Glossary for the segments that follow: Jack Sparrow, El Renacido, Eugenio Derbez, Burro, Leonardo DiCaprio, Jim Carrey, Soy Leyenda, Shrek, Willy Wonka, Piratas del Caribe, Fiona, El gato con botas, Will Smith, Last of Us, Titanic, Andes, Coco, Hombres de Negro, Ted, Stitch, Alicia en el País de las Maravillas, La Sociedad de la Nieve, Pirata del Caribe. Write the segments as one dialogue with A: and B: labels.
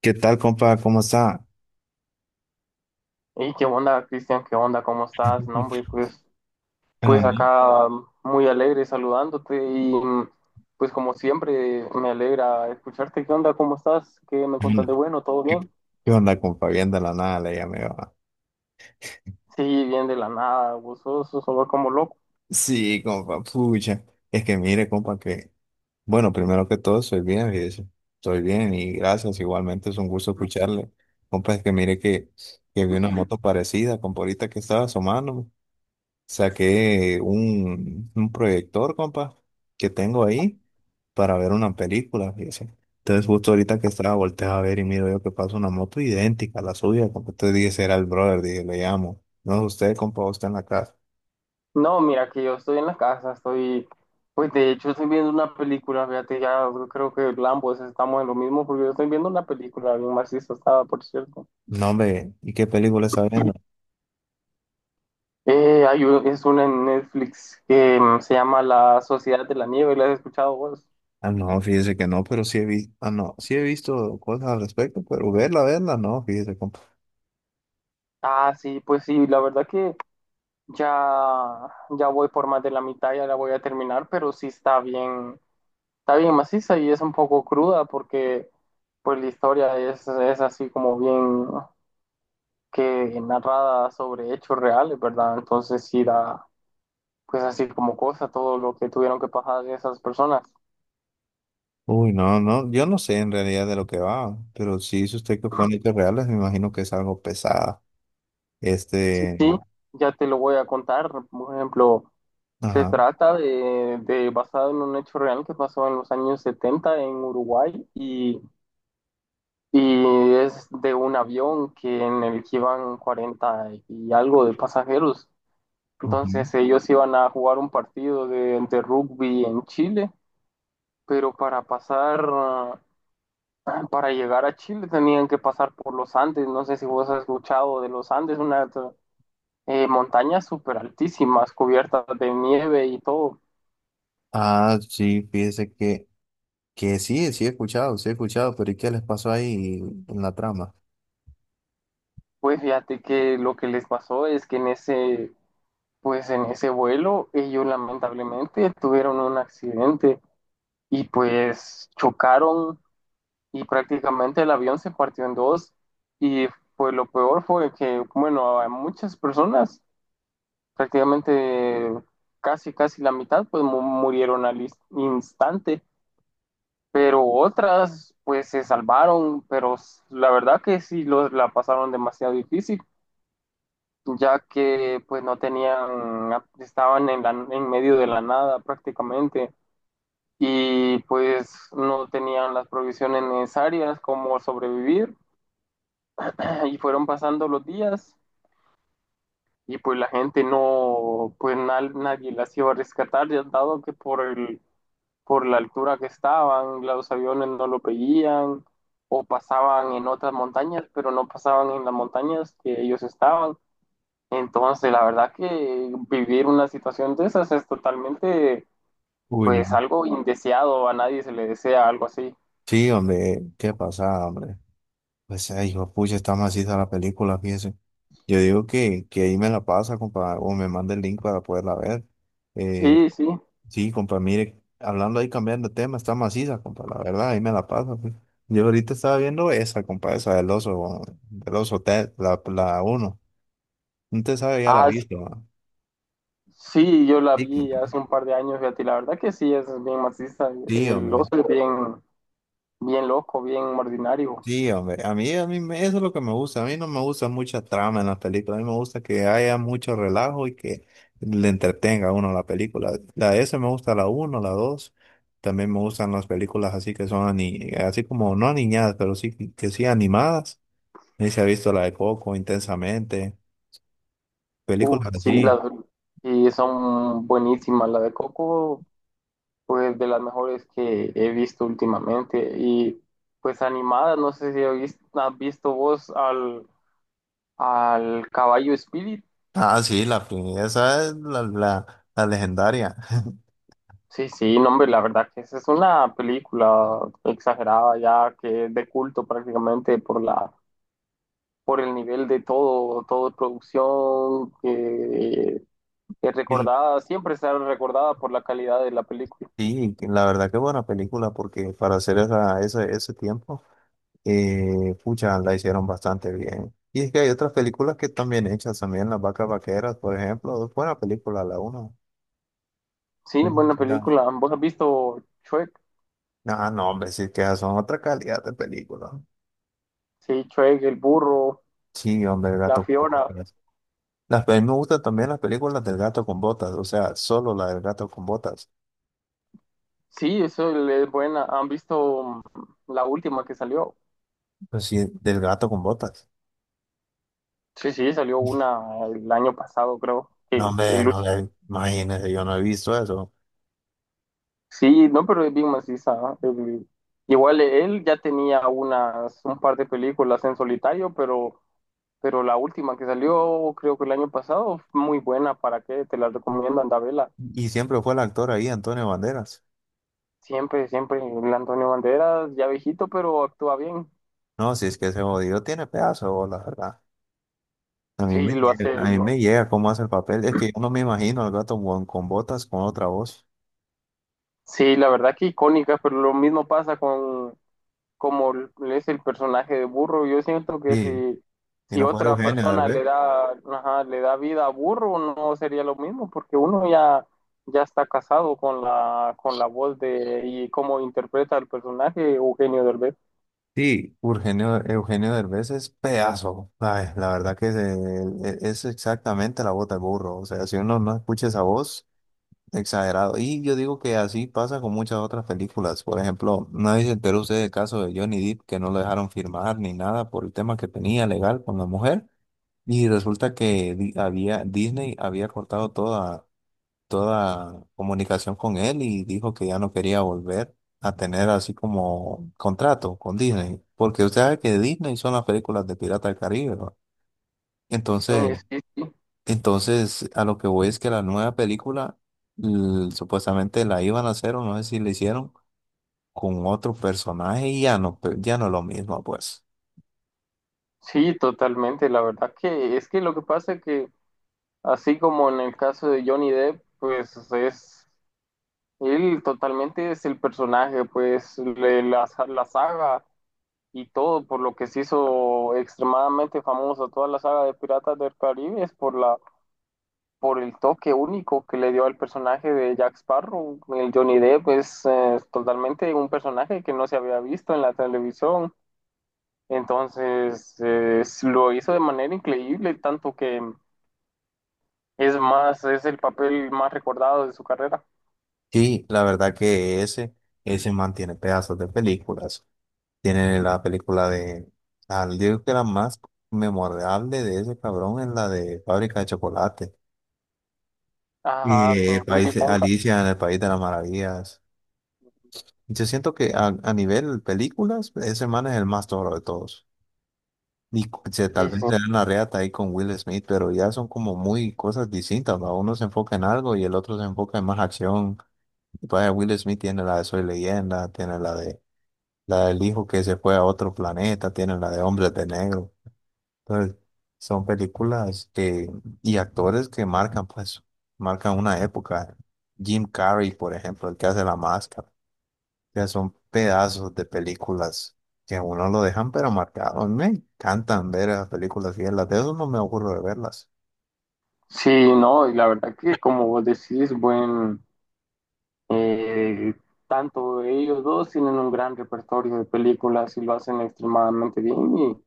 A: ¿Qué tal, compa? ¿Cómo está?
B: Hey, ¿qué onda, Cristian? ¿Qué onda? ¿Cómo estás? No, hombre, pues,
A: Ah,
B: pues acá muy alegre saludándote y pues como siempre me alegra escucharte. ¿Qué onda? ¿Cómo estás? ¿Qué me
A: ¿Qué
B: contas
A: onda,
B: de bueno? ¿Todo
A: ¿Qué-
B: bien?
A: qué onda, compa? Bien, de la nada le llamé, va.
B: Sí, bien de la nada, gozoso, solo como loco.
A: Sí, compa, pucha. Es que mire, compa, que... Bueno, primero que todo, estoy bien, fíjese. Estoy bien, y gracias. Igualmente es un gusto escucharle. Compa, es que mire que vi una moto parecida, compa, ahorita que estaba asomando. Saqué un proyector, compa, que tengo ahí para ver una película, fíjese. Entonces, justo ahorita que estaba, volteé a ver y miro yo que pasa una moto idéntica a la suya, compa. Entonces dije, será el brother, dije, le llamo. No, usted, compa, ¿usted está en la casa?
B: No, mira que yo estoy en la casa, pues de hecho estoy viendo una película, fíjate, ya creo que ambos estamos en lo mismo porque yo estoy viendo una película bien macizo, estaba, por cierto.
A: No, hombre, ¿y qué película está viendo?
B: Es una en Netflix que se llama La Sociedad de la Nieve, ¿la has escuchado vos?
A: Ah, no, fíjese que no, pero sí he visto, ah, no, sí he visto cosas al respecto, pero verla, verla, no, fíjese, compa.
B: Ah, sí, pues sí, la verdad que ya voy por más de la mitad, ya la voy a terminar, pero sí está bien maciza y es un poco cruda porque pues la historia es así como bien que narrada sobre hechos reales, ¿verdad? Entonces sí da pues así como cosa todo lo que tuvieron que pasar esas personas.
A: Uy, no, no, yo no sé en realidad de lo que va, pero sí, si dice usted que fue en hechos reales, me imagino que es algo pesado.
B: Sí,
A: Este,
B: sí, ya te lo voy a contar, por ejemplo. Se
A: ajá.
B: trata de basado en un hecho real que pasó en los años 70 en Uruguay y es de un avión que en el que iban 40 y algo de pasajeros.
A: Ujú.
B: Entonces ellos iban a jugar un partido de rugby en Chile, pero para llegar a Chile tenían que pasar por los Andes. No sé si vos has escuchado de los Andes, unas montañas súper altísimas, cubiertas de nieve y todo.
A: Ah, sí, fíjese que sí, sí he escuchado, pero ¿y qué les pasó ahí en la trama?
B: Pues fíjate que lo que les pasó es que pues en ese vuelo ellos lamentablemente tuvieron un accidente y pues chocaron y prácticamente el avión se partió en dos y pues lo peor fue que, bueno, a muchas personas, prácticamente casi, casi la mitad, pues murieron al instante, pero otras pues se salvaron, pero la verdad que sí la pasaron demasiado difícil. Ya que pues no tenían, estaban en medio de la nada prácticamente y pues no tenían las provisiones necesarias como sobrevivir y fueron pasando los días y pues la gente no, pues nadie las iba a rescatar, ya dado que por la altura que estaban, los aviones no lo veían o pasaban en otras montañas, pero no pasaban en las montañas que ellos estaban. Entonces, la verdad que vivir una situación de esas es totalmente,
A: Uy, no.
B: pues, algo indeseado, a nadie se le desea algo así.
A: Sí, hombre, ¿qué pasa, hombre? Pues, ay, hijo, pucha, está maciza la película, fíjese. Yo digo que ahí me la pasa, compa, o me manda el link para poderla ver. Eh,
B: Sí, sí.
A: sí, compa, mire, hablando ahí, cambiando de tema, está maciza, compa, la verdad, ahí me la pasa, pues. Yo ahorita estaba viendo esa, compa, esa del oso, Ted, la uno. No te sabe ya la
B: Ah,
A: vista, va.
B: sí, yo la
A: Sí,
B: vi
A: compa.
B: hace un par de años, fíjate, y la verdad que sí, es bien marxista.
A: Sí,
B: El
A: hombre.
B: oso es bien, bien loco, bien ordinario.
A: Sí, hombre. A mí, eso es lo que me gusta. A mí no me gusta mucha trama en las películas. A mí me gusta que haya mucho relajo y que le entretenga a uno la película. La S me gusta la uno, la dos. También me gustan las películas así que son así como no aniñadas, pero sí que sí animadas. Ahí se ha visto la de Coco, Intensamente.
B: Uf,
A: Películas
B: sí,
A: así.
B: y son buenísimas. La de Coco, pues, de las mejores que he visto últimamente. Y, pues, animada, no sé si has visto vos al caballo Spirit.
A: Ah, sí, la, esa es la, la legendaria.
B: Sí, sí, no, hombre, la verdad que esa es una película exagerada ya que es de culto prácticamente por el nivel de todo de producción que es
A: Y
B: recordada, siempre será recordada por la calidad de la película.
A: Sí, que la verdad que buena película porque para hacer esa, ese tiempo, pucha, la hicieron bastante bien. Y es que hay otras películas que están bien hechas también, Las Vacas Vaqueras, por ejemplo, buena película la uno.
B: Sí,
A: Ahí me…
B: buena película. ¿Vos has visto Shrek?
A: Ah, no, hombre, sí que esas son otra calidad de película.
B: Sí, Shrek, el burro,
A: Sí, hombre, el
B: la
A: gato con
B: Fiona.
A: botas. Me gustan también las películas del gato con botas, o sea, solo la del gato con botas.
B: Sí, eso es buena. ¿Han visto la última que salió?
A: Pues sí, del gato con botas.
B: Sí, sí, salió una el año pasado, creo.
A: No, hombre, no le, imagínese, yo no he visto eso.
B: Sí, no, pero es bien maciza, ¿no? Igual él ya tenía un par de películas en solitario, pero la última que salió, creo que el año pasado, fue muy buena. ¿Para qué? Te la recomiendo, anda, vela.
A: Y siempre fue el actor ahí, Antonio Banderas.
B: Siempre, siempre, el Antonio Banderas, ya viejito, pero actúa bien.
A: No, si es que ese jodido tiene pedazo de bola, ¿verdad? A mí
B: Sí,
A: me
B: lo hace.
A: llega, a mí
B: lo-
A: me llega cómo hace el papel. Es que yo no me imagino al gato con botas, con otra voz.
B: sí, la verdad que icónica, pero lo mismo pasa como es el personaje de Burro. Yo siento que
A: Sí,
B: si,
A: y
B: si
A: no fuera
B: otra
A: Eugenio
B: persona
A: Derbez.
B: ajá, le da vida a Burro, no sería lo mismo, porque uno ya está casado con la voz de y cómo interpreta el personaje Eugenio Derbez.
A: Sí, Eugenio, Eugenio Derbez es pedazo. Ay, la verdad que es, es exactamente la bota del burro. O sea, si uno no escucha esa voz… Exagerado. Y yo digo que así pasa con muchas otras películas. Por ejemplo, ¿no se enteró usted el caso de Johnny Depp, que no lo dejaron firmar ni nada por el tema que tenía legal con la mujer? Y resulta que había, Disney había cortado toda, toda comunicación con él, y dijo que ya no quería volver a tener así como contrato con Disney. Porque usted sabe que Disney son las películas de Pirata del Caribe, ¿no? Entonces,
B: Sí, sí,
A: entonces, a lo que voy es que la nueva película supuestamente la iban a hacer, o no sé si la hicieron, con otro personaje, y ya no, ya no es lo mismo, pues.
B: sí, totalmente. La verdad que es que lo que pasa es que, así como en el caso de Johnny Depp, pues él totalmente es el personaje, pues la saga y todo por lo que se hizo extremadamente famosa toda la saga de Piratas del Caribe es por el toque único que le dio al personaje de Jack Sparrow. El Johnny Depp es totalmente un personaje que no se había visto en la televisión. Entonces lo hizo de manera increíble, tanto que es más, es el papel más recordado de su carrera.
A: Sí, la verdad que ese mantiene pedazos de películas. Tiene la película de, al digo que la más memorable de ese cabrón es la de Fábrica de Chocolate.
B: Ajá, con el Willy Wonka.
A: Alicia en el País de las Maravillas. Yo siento que a nivel películas, ese man es el más toro de todos. Y tal
B: Sí, sí.
A: vez le dan la reata ahí con Will Smith, pero ya son como muy cosas distintas, ¿va? Uno se enfoca en algo y el otro se enfoca en más acción. Y pues, Will Smith tiene la de Soy Leyenda, tiene la de la del hijo que se fue a otro planeta, tiene la de Hombres de Negro. Entonces, son películas que, y actores que marcan, pues, marcan una época. Jim Carrey, por ejemplo, el que hace La Máscara, sea, son pedazos de películas que a uno lo dejan pero marcado. A mí me encantan ver las películas y las de eso no me ocurre de verlas.
B: Sí, no, y la verdad que como vos decís, Eh, tanto ellos dos tienen un gran repertorio de películas y lo hacen extremadamente bien y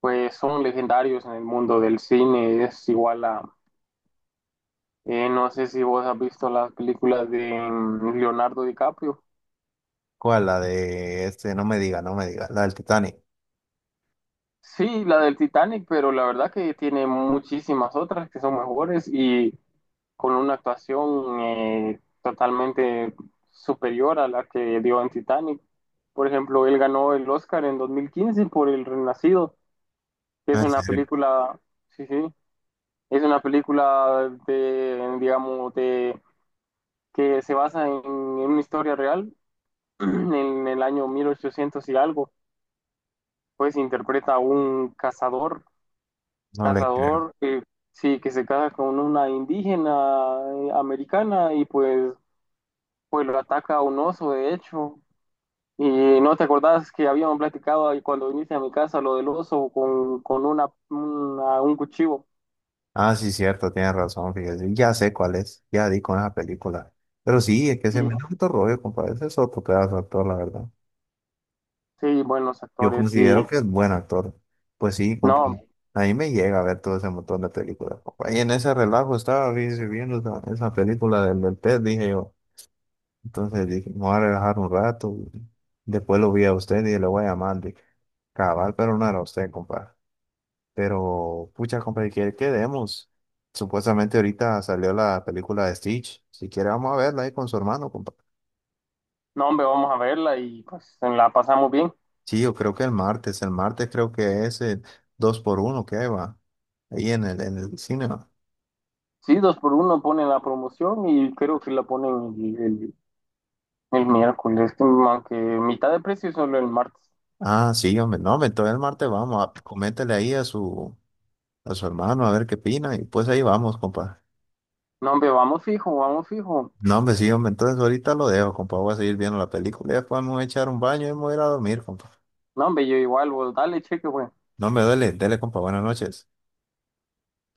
B: pues son legendarios en el mundo del cine. Es igual no sé si vos has visto las películas de Leonardo DiCaprio.
A: ¿Cuál? La de este, no me diga, no me diga, la del Titanic.
B: Sí, la del Titanic, pero la verdad que tiene muchísimas otras que son mejores y con una actuación totalmente superior a la que dio en Titanic. Por ejemplo, él ganó el Oscar en 2015 por El Renacido. Es
A: ¿En
B: una
A: serio?
B: película, sí, sí, es una película de, digamos, que se basa en una historia real, en el año 1800 y algo, pues interpreta a un cazador,
A: No le creo.
B: cazador, eh, sí, que se casa con una indígena americana y pues lo ataca un oso, de hecho. Y no te acordás que habíamos platicado ahí cuando viniste a mi casa lo del oso con un cuchillo.
A: Ah, sí, cierto, tienes razón, fíjese. Ya sé cuál es, ya di con esa película. Pero sí, es que
B: Y
A: se me da otro rollo, compadre. Ese es otro pedazo de actor, la verdad.
B: sí, buenos
A: Yo
B: actores. Y
A: considero que es buen actor. Pues sí, compa,
B: No,
A: ahí me llega a ver todo ese montón de películas, compa. Y en ese relajo estaba viendo esa, esa película del, del pez, dije yo. Entonces dije, me voy a relajar un rato. Después lo vi a usted y le voy a llamar. Dije, cabal, pero no era usted, compa. Pero, pucha, compa, que quedemos? Supuestamente ahorita salió la película de Stitch. Si quiere, vamos a verla ahí con su hermano, compa.
B: no, hombre, vamos a verla y pues la pasamos bien.
A: Sí, yo creo que el martes creo que es el 2 por uno que va ahí en el cine, va.
B: Sí, dos por uno ponen la promoción y creo que la ponen el miércoles, que, aunque mitad de precio solo el martes.
A: Ah, sí, hombre, no, hombre, entonces el martes vamos, a, coméntele ahí a su hermano a ver qué opina, y pues ahí vamos, compa.
B: No, hombre, vamos fijo, vamos fijo.
A: No, hombre, sí, hombre, entonces ahorita lo dejo, compa, voy a seguir viendo la película y después me voy a echar un baño y me voy a ir a dormir, compa.
B: No, hombre, yo igual, vos dale cheque, güey.
A: No, hombre, dele, dele, compa, buenas noches.